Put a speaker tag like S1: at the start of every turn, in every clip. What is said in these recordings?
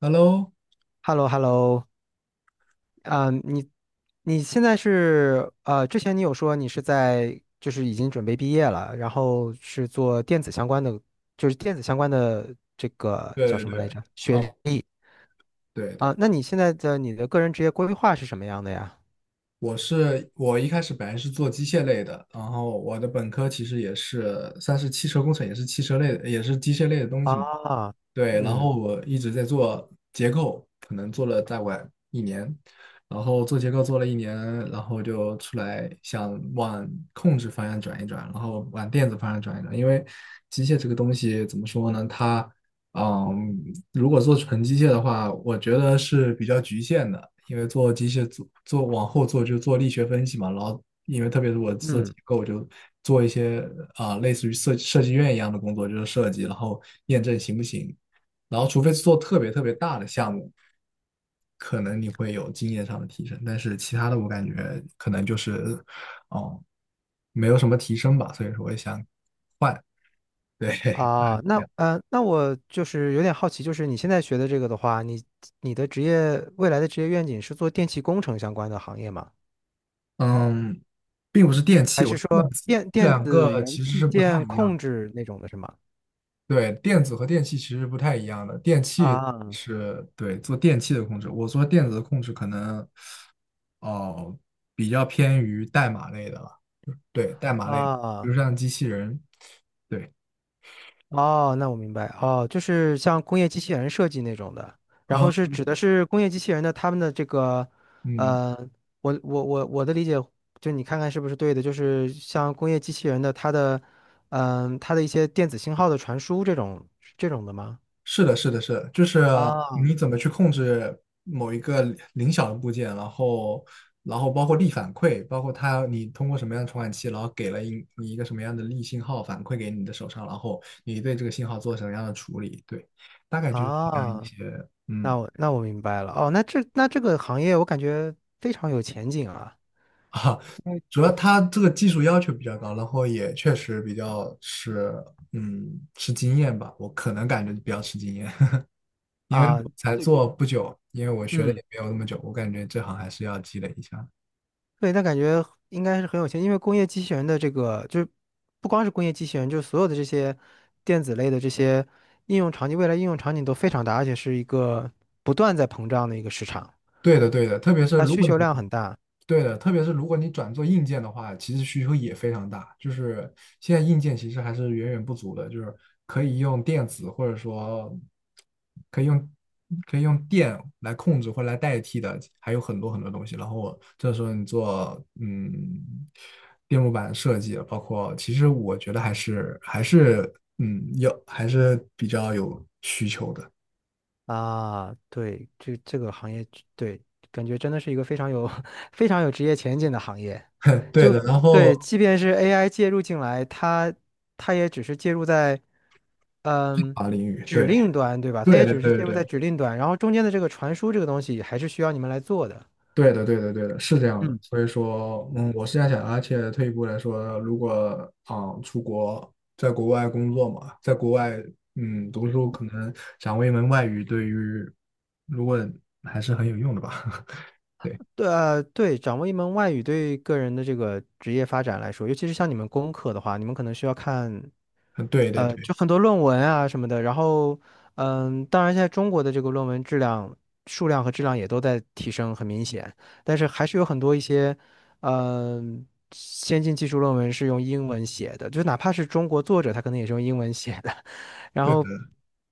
S1: Hello，
S2: h e l l o h e l l o。 啊，你现在是之前你有说你是在就是已经准备毕业了，然后是做电子相关的，就是电子相关的这个叫
S1: 对
S2: 什
S1: 对
S2: 么来
S1: 对，
S2: 着？学
S1: 哦，
S2: 历
S1: 对
S2: 啊，
S1: 的，
S2: 那你的个人职业规划是什么样的呀？
S1: 我一开始本来是做机械类的，然后我的本科其实也是算是汽车工程，也是汽车类的，也是机械类的东西嘛。
S2: 啊，
S1: 对，然
S2: 嗯
S1: 后我一直在做结构，可能做了再晚一年，然后做结构做了一年，然后就出来想往控制方向转一转，然后往电子方向转一转，因为机械这个东西怎么说呢？它，嗯，如果做纯机械的话，我觉得是比较局限的，因为做机械做往后做就做力学分析嘛，然后因为特别是我做结
S2: 嗯
S1: 构就。做一些类似于设计院一样的工作，就是设计，然后验证行不行。然后除非是做特别特别大的项目，可能你会有经验上的提升，但是其他的我感觉可能就是，哦，没有什么提升吧，所以说我也想换，对，
S2: 啊，
S1: 这
S2: 那
S1: 样，
S2: 呃，那我就是有点好奇，就是你现在学的这个的话，你的未来的职业愿景是做电气工程相关的行业吗？
S1: 嗯，并不是电器，
S2: 还
S1: 我
S2: 是
S1: 是电
S2: 说
S1: 子，
S2: 电
S1: 这
S2: 电
S1: 两
S2: 子
S1: 个
S2: 元
S1: 其实
S2: 器
S1: 是不太
S2: 件
S1: 一样
S2: 控
S1: 的。
S2: 制那种的是吗？
S1: 对，电子和电器其实不太一样的，电器
S2: 啊
S1: 是对做电器的控制，我做电子的控制可能哦、比较偏于代码类的了，对，代码类，比
S2: 啊
S1: 如像机器人，对，
S2: 哦，那我明白哦，就是像工业机器人设计那种的，然
S1: 嗯
S2: 后是指的是工业机器人的他们的这个，
S1: 嗯，
S2: 呃，我的理解，就你看看是不是对的，就是像工业机器人的它的，它的一些电子信号的传输这种的吗？
S1: 是的，是的，是的，就是
S2: 啊
S1: 你怎么去控制某一个小的部件，然后，然后包括力反馈，包括它你通过什么样的传感器，然后给了你一个什么样的力信号反馈给你的手上，然后你对这个信号做什么样的处理，对，大概就是这样一
S2: 啊，
S1: 些，嗯
S2: 那我明白了哦，那这个行业我感觉非常有前景啊。
S1: 啊，主要它这个技术要求比较高，然后也确实比较是，嗯，吃经验吧，我可能感觉比较吃经验。因为
S2: 啊，
S1: 我才
S2: 对，
S1: 做不久，因为我学的
S2: 嗯，
S1: 也没有那么久，我感觉这行还是要积累一下。
S2: 对，那感觉应该是很有钱，因为工业机器人的这个就是不光是工业机器人，就是所有的这些电子类的这些应用场景，未来应用场景都非常大，而且是一个不断在膨胀的一个市场，
S1: 对的，对的，特别是
S2: 它
S1: 如
S2: 需
S1: 果你
S2: 求量很大。
S1: 对的，特别是如果你转做硬件的话，其实需求也非常大。就是现在硬件其实还是远远不足的，就是可以用电子或者说可以用可以用电来控制或来代替的，还有很多很多东西。然后这时候你做电路板设计，包括其实我觉得还是有还是比较有需求的。
S2: 啊，对，这个行业，对，感觉真的是一个非常有 非常有职业前景的行业。
S1: 对
S2: 就
S1: 的，然后
S2: 对，即便是 AI 介入进来，它也只是介入在嗯
S1: 法领域，
S2: 指
S1: 对
S2: 令端，对吧？它
S1: 对
S2: 也
S1: 对
S2: 只是
S1: 对
S2: 介入
S1: 对。
S2: 在指令端，然后中间的这个传输这个东西还是需要你们来做的。
S1: 对的，对的，对的，是这样的。
S2: 嗯，
S1: 所以说，嗯，我是这样想的，而且退一步来说，如果出国，在国外工作嘛，在国外读书，可能掌握一门外语，对于如果还是很有用的吧。对，
S2: 对，对，掌握一门外语对个人的这个职业发展来说，尤其是像你们工科的话，你们可能需要看。
S1: 嗯对对对
S2: 就很多论文啊什么的，然后，当然现在中国的这个论文质量、数量和质量也都在提升，很明显，但是还是有很多一些，嗯、先进技术论文是用英文写的，就哪怕是中国作者，他可能也是用英文写的。然
S1: 对的
S2: 后，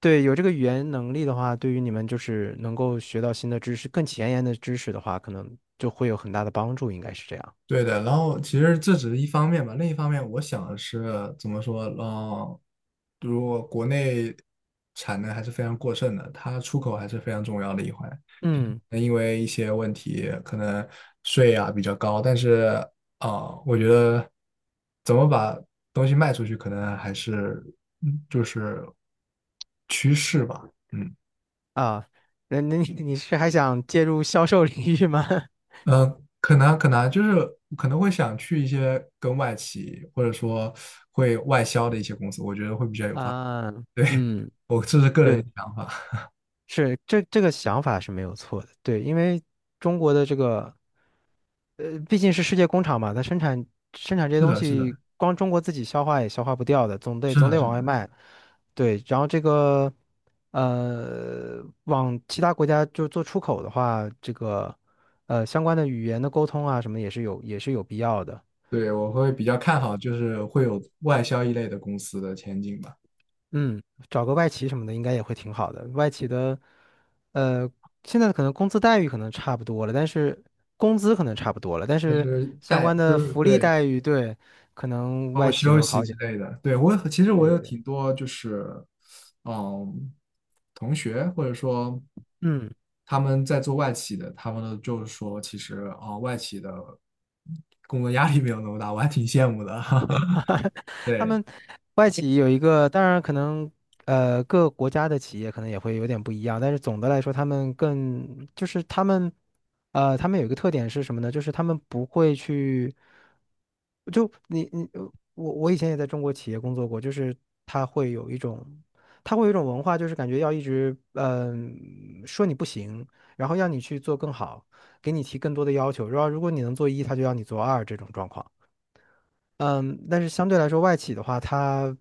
S2: 对，有这个语言能力的话，对于你们就是能够学到新的知识、更前沿的知识的话，可能就会有很大的帮助，应该是这样。
S1: 对的。然后其实这只是一方面吧，另一方面，我想的是怎么说，嗯，如果国内产能还是非常过剩的，它出口还是非常重要的一环。
S2: 嗯
S1: 那因为一些问题，可能税啊比较高，但是我觉得怎么把东西卖出去，可能还是就是趋势吧，嗯
S2: 啊，那你是还想介入销售领域吗？
S1: 可能就是可能会想去一些跟外企或者说会外销的一些公司，我觉得会比较有发，
S2: 啊，
S1: 对，
S2: 嗯，
S1: 我这是个人的
S2: 对，
S1: 想法，
S2: 是这个想法是没有错的，对，因为中国的这个，毕竟是世界工厂嘛，它生产 这些
S1: 是
S2: 东
S1: 的，是的，
S2: 西，光中国自己消化也消化不掉的，总得
S1: 是
S2: 总
S1: 的，
S2: 得
S1: 是
S2: 往
S1: 的，
S2: 外卖，对，然后这个，往其他国家就做出口的话，这个，相关的语言的沟通啊什么也是有必要的。
S1: 对，我会比较看好就是会有外销一类的公司的前景吧。
S2: 嗯，找个外企什么的应该也会挺好的。外企的，呃，现在可能工资待遇可能差不多了，但是工资可能差不多了，但
S1: 就
S2: 是
S1: 是
S2: 相
S1: 带，
S2: 关的
S1: 就是
S2: 福利
S1: 对，
S2: 待遇，对，可能
S1: 包括
S2: 外企
S1: 休
S2: 能
S1: 息
S2: 好一
S1: 之
S2: 点。
S1: 类的。对，我其实我
S2: 对
S1: 有
S2: 对，
S1: 挺多就是，嗯，同学或者说
S2: 嗯。
S1: 他们在做外企的，他们呢就是说，其实外企的工作压力没有那么大，我还挺羡慕的。
S2: 他
S1: 对，
S2: 们外企有一个，当然可能各国家的企业可能也会有点不一样，但是总的来说，他们更就是他们呃他们有一个特点是什么呢？就是他们不会去就你你呃我我以前也在中国企业工作过，就是他会有一种他会有一种文化，就是感觉要一直说你不行，然后要你去做更好，给你提更多的要求，然后如果你能做一，他就要你做二这种状况。嗯，但是相对来说，外企的话，它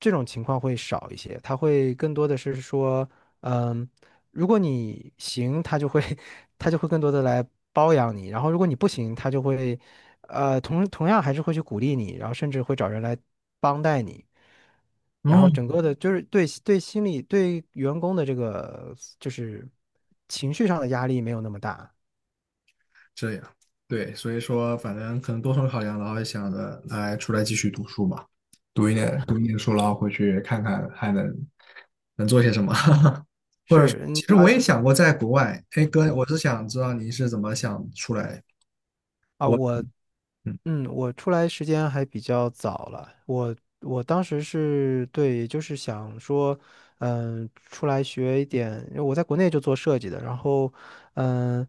S2: 这种情况会少一些，它会更多的是说，嗯，如果你行，他就会 他就会更多的来包养你，然后如果你不行，他就会，同样还是会去鼓励你，然后甚至会找人来帮带你，然后
S1: 嗯，
S2: 整个的就是对对心理对员工的这个就是情绪上的压力没有那么大，
S1: 这样，对，所以说反正可能多重考量，然后想着来出来继续读书吧，读一点书，然后回去看看还能能做些什么？或者说，
S2: 是嗯
S1: 其实
S2: 啊
S1: 我也想过在国外，哎哥，我是想知道你是怎么想出来，
S2: 啊，我
S1: 嗯，
S2: 嗯，我出来时间还比较早了，我当时是对，也就是想说，出来学一点，因为我在国内就做设计的，然后，嗯，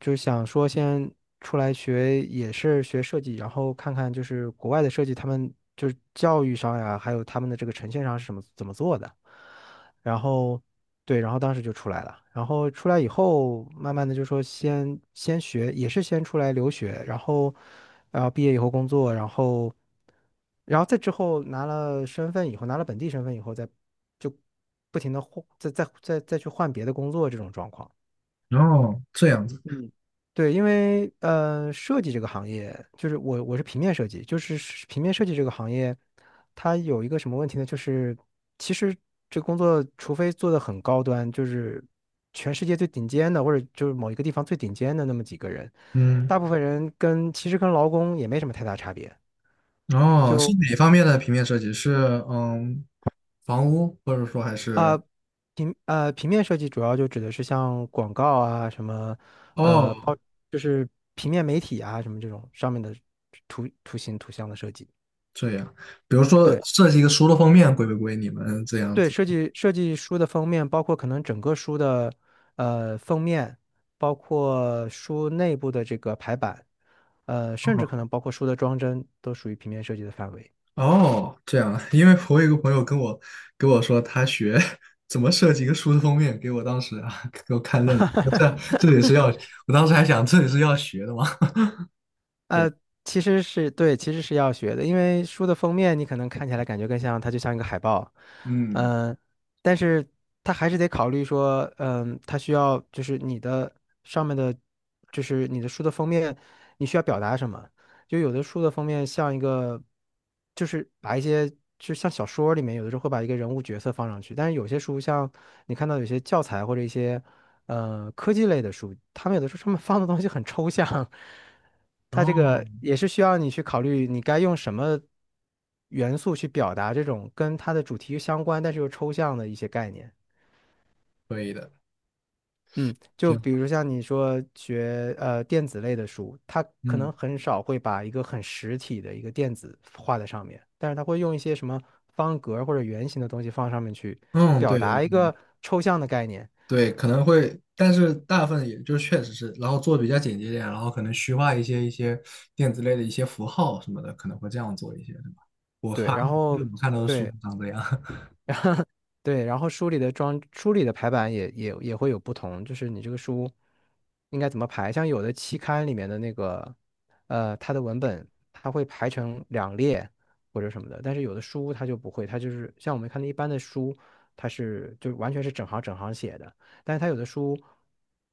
S2: 就是想说先出来学，也是学，设计，然后看看就是国外的设计，他们就是教育上呀，还有他们的这个呈现上是什么怎么做的。然后对，然后当时就出来了。然后出来以后，慢慢的就说先学，也是先出来留学，然后毕业以后工作，然后再之后拿了身份以后，拿了本地身份以后，再就不停的换，再去换别的工作这种状况。
S1: 哦，这样子，
S2: 对，因为设计这个行业，就是我是平面设计，就是平面设计这个行业，它有一个什么问题呢？就是其实这工作，除非做的很高端，就是全世界最顶尖的，或者就是某一个地方最顶尖的那么几个人，
S1: 嗯，
S2: 大部分人跟其实跟劳工也没什么太大差别。
S1: 哦，是
S2: 就
S1: 哪方面的平面设计？是房屋，或者说还
S2: 啊、
S1: 是
S2: 呃平呃平面设计主要就指的是像广告啊什么，呃
S1: 哦
S2: 报就是平面媒体啊什么这种上面的图形图像的设计。
S1: 这样，比如说
S2: 对
S1: 设计一个书的封面归不归你们这样
S2: 对，
S1: 子？
S2: 设计书的封面，包括可能整个书的封面，包括书内部的这个排版，甚至可
S1: 哦
S2: 能包括书的装帧，都属于平面设计的范围。
S1: 哦，这样，因为我有一个朋友跟我说他学 怎么设计一个书的封面，给我当时啊，这这也是要，我当时还想这也是要学的吗？对，
S2: 呃，其实是对，其实是要学的，因为书的封面你可能看起来感觉更像，它就像一个海报，
S1: 嗯。
S2: 嗯、但是它还是得考虑说，它需要就是你的上面的，就是你的书的封面，你需要表达什么？就有的书的封面像一个，就是把一些就像小说里面有的时候会把一个人物角色放上去，但是有些书像你看到有些教材或者一些。科技类的书，他们有的时候他们放的东西很抽象，它这个
S1: 哦，
S2: 也是需要你去考虑你该用什么元素去表达这种跟它的主题相关但是又抽象的一些概念。
S1: 可以的，
S2: 嗯，就
S1: 挺
S2: 比
S1: 好。
S2: 如像你说学电子类的书，它可
S1: 嗯
S2: 能很少会把一个很实体的一个电子画在上面，但是它会用一些什么方格或者圆形的东西放上面去
S1: 嗯，
S2: 表
S1: 对对
S2: 达一个抽象的概念。
S1: 对，可能会，但是大部分也就确实是，然后做的比较简洁一点，然后可能虚化一些电子类的一些符号什么的，可能会这样做一些，对吧？我
S2: 对，
S1: 看
S2: 然后。
S1: 我看到的书
S2: 对，
S1: 长这样。
S2: 对，然后书里的排版也会有不同，就是你这个书应该怎么排。像有的期刊里面的那个，它的文本它会排成两列或者什么的，但是有的书它就不会，它就是像我们看的一般的书，它是就完全是整行整行写的。但是它有的书，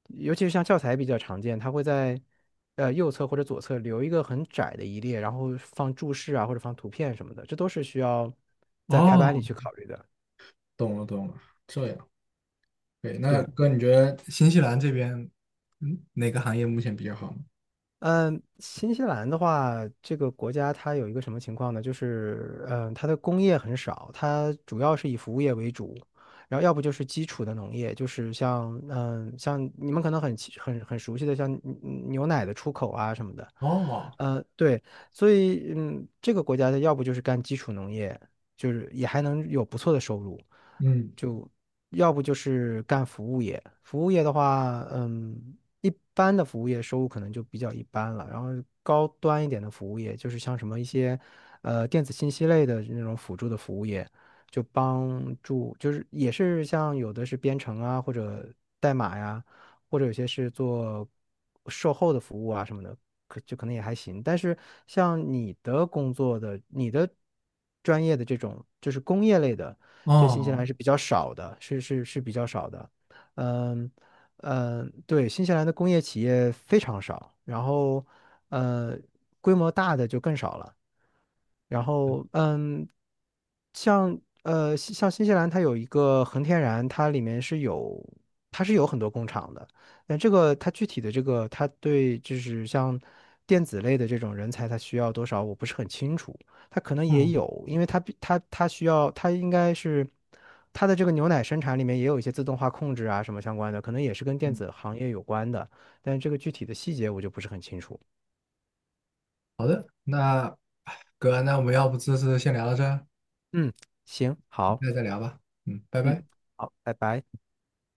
S2: 尤其是像教材比较常见，它会在右侧或者左侧留一个很窄的一列，然后放注释啊或者放图片什么的，这都是需要在排版
S1: 哦，
S2: 里去考虑的。
S1: 懂了懂了，这样。对，那
S2: 对。
S1: 哥，你觉得新西兰这边，嗯，哪个行业目前比较好呢？
S2: 嗯，新西兰的话，这个国家它有一个什么情况呢？就是，它的工业很少，它主要是以服务业为主，然后要不就是基础的农业，就是像，像你们可能很清很很熟悉的，像牛奶的出口啊什么的，
S1: 哦，
S2: 对，所以，这个国家的要不就是干基础农业，就是也还能有不错的收入，
S1: 嗯，
S2: 就要不就是干服务业，服务业的话，一般的服务业收入可能就比较一般了，然后高端一点的服务业，就是像什么一些，电子信息类的那种辅助的服务业，就帮助，就是也是像有的是编程啊或者代码呀。或者有些是做售后的服务啊什么的，可能也还行。但是像你的工作的、你的专业的这种，就是工业类的，在新西
S1: 哦，
S2: 兰是比较少的，是比较少的。嗯嗯，对，新西兰的工业企业非常少，然后呃，规模大的就更少了。然后，像新西兰，它有一个恒天然，它里面是有，它是有很多工厂的。但这个它具体的这个，它对就是像电子类的这种人才，它需要多少，我不是很清楚。它可能也
S1: 嗯
S2: 有，因为它需要，它应该是它的这个牛奶生产里面也有一些自动化控制啊什么相关的，可能也是跟电
S1: 嗯，
S2: 子行业有关的。但这个具体的细节我就不是很清楚。
S1: 那哎哥，那我们要不这次先聊到这儿？
S2: 嗯，行，
S1: 你
S2: 好，
S1: 再聊吧。嗯，拜
S2: 嗯，
S1: 拜。
S2: 好，拜拜。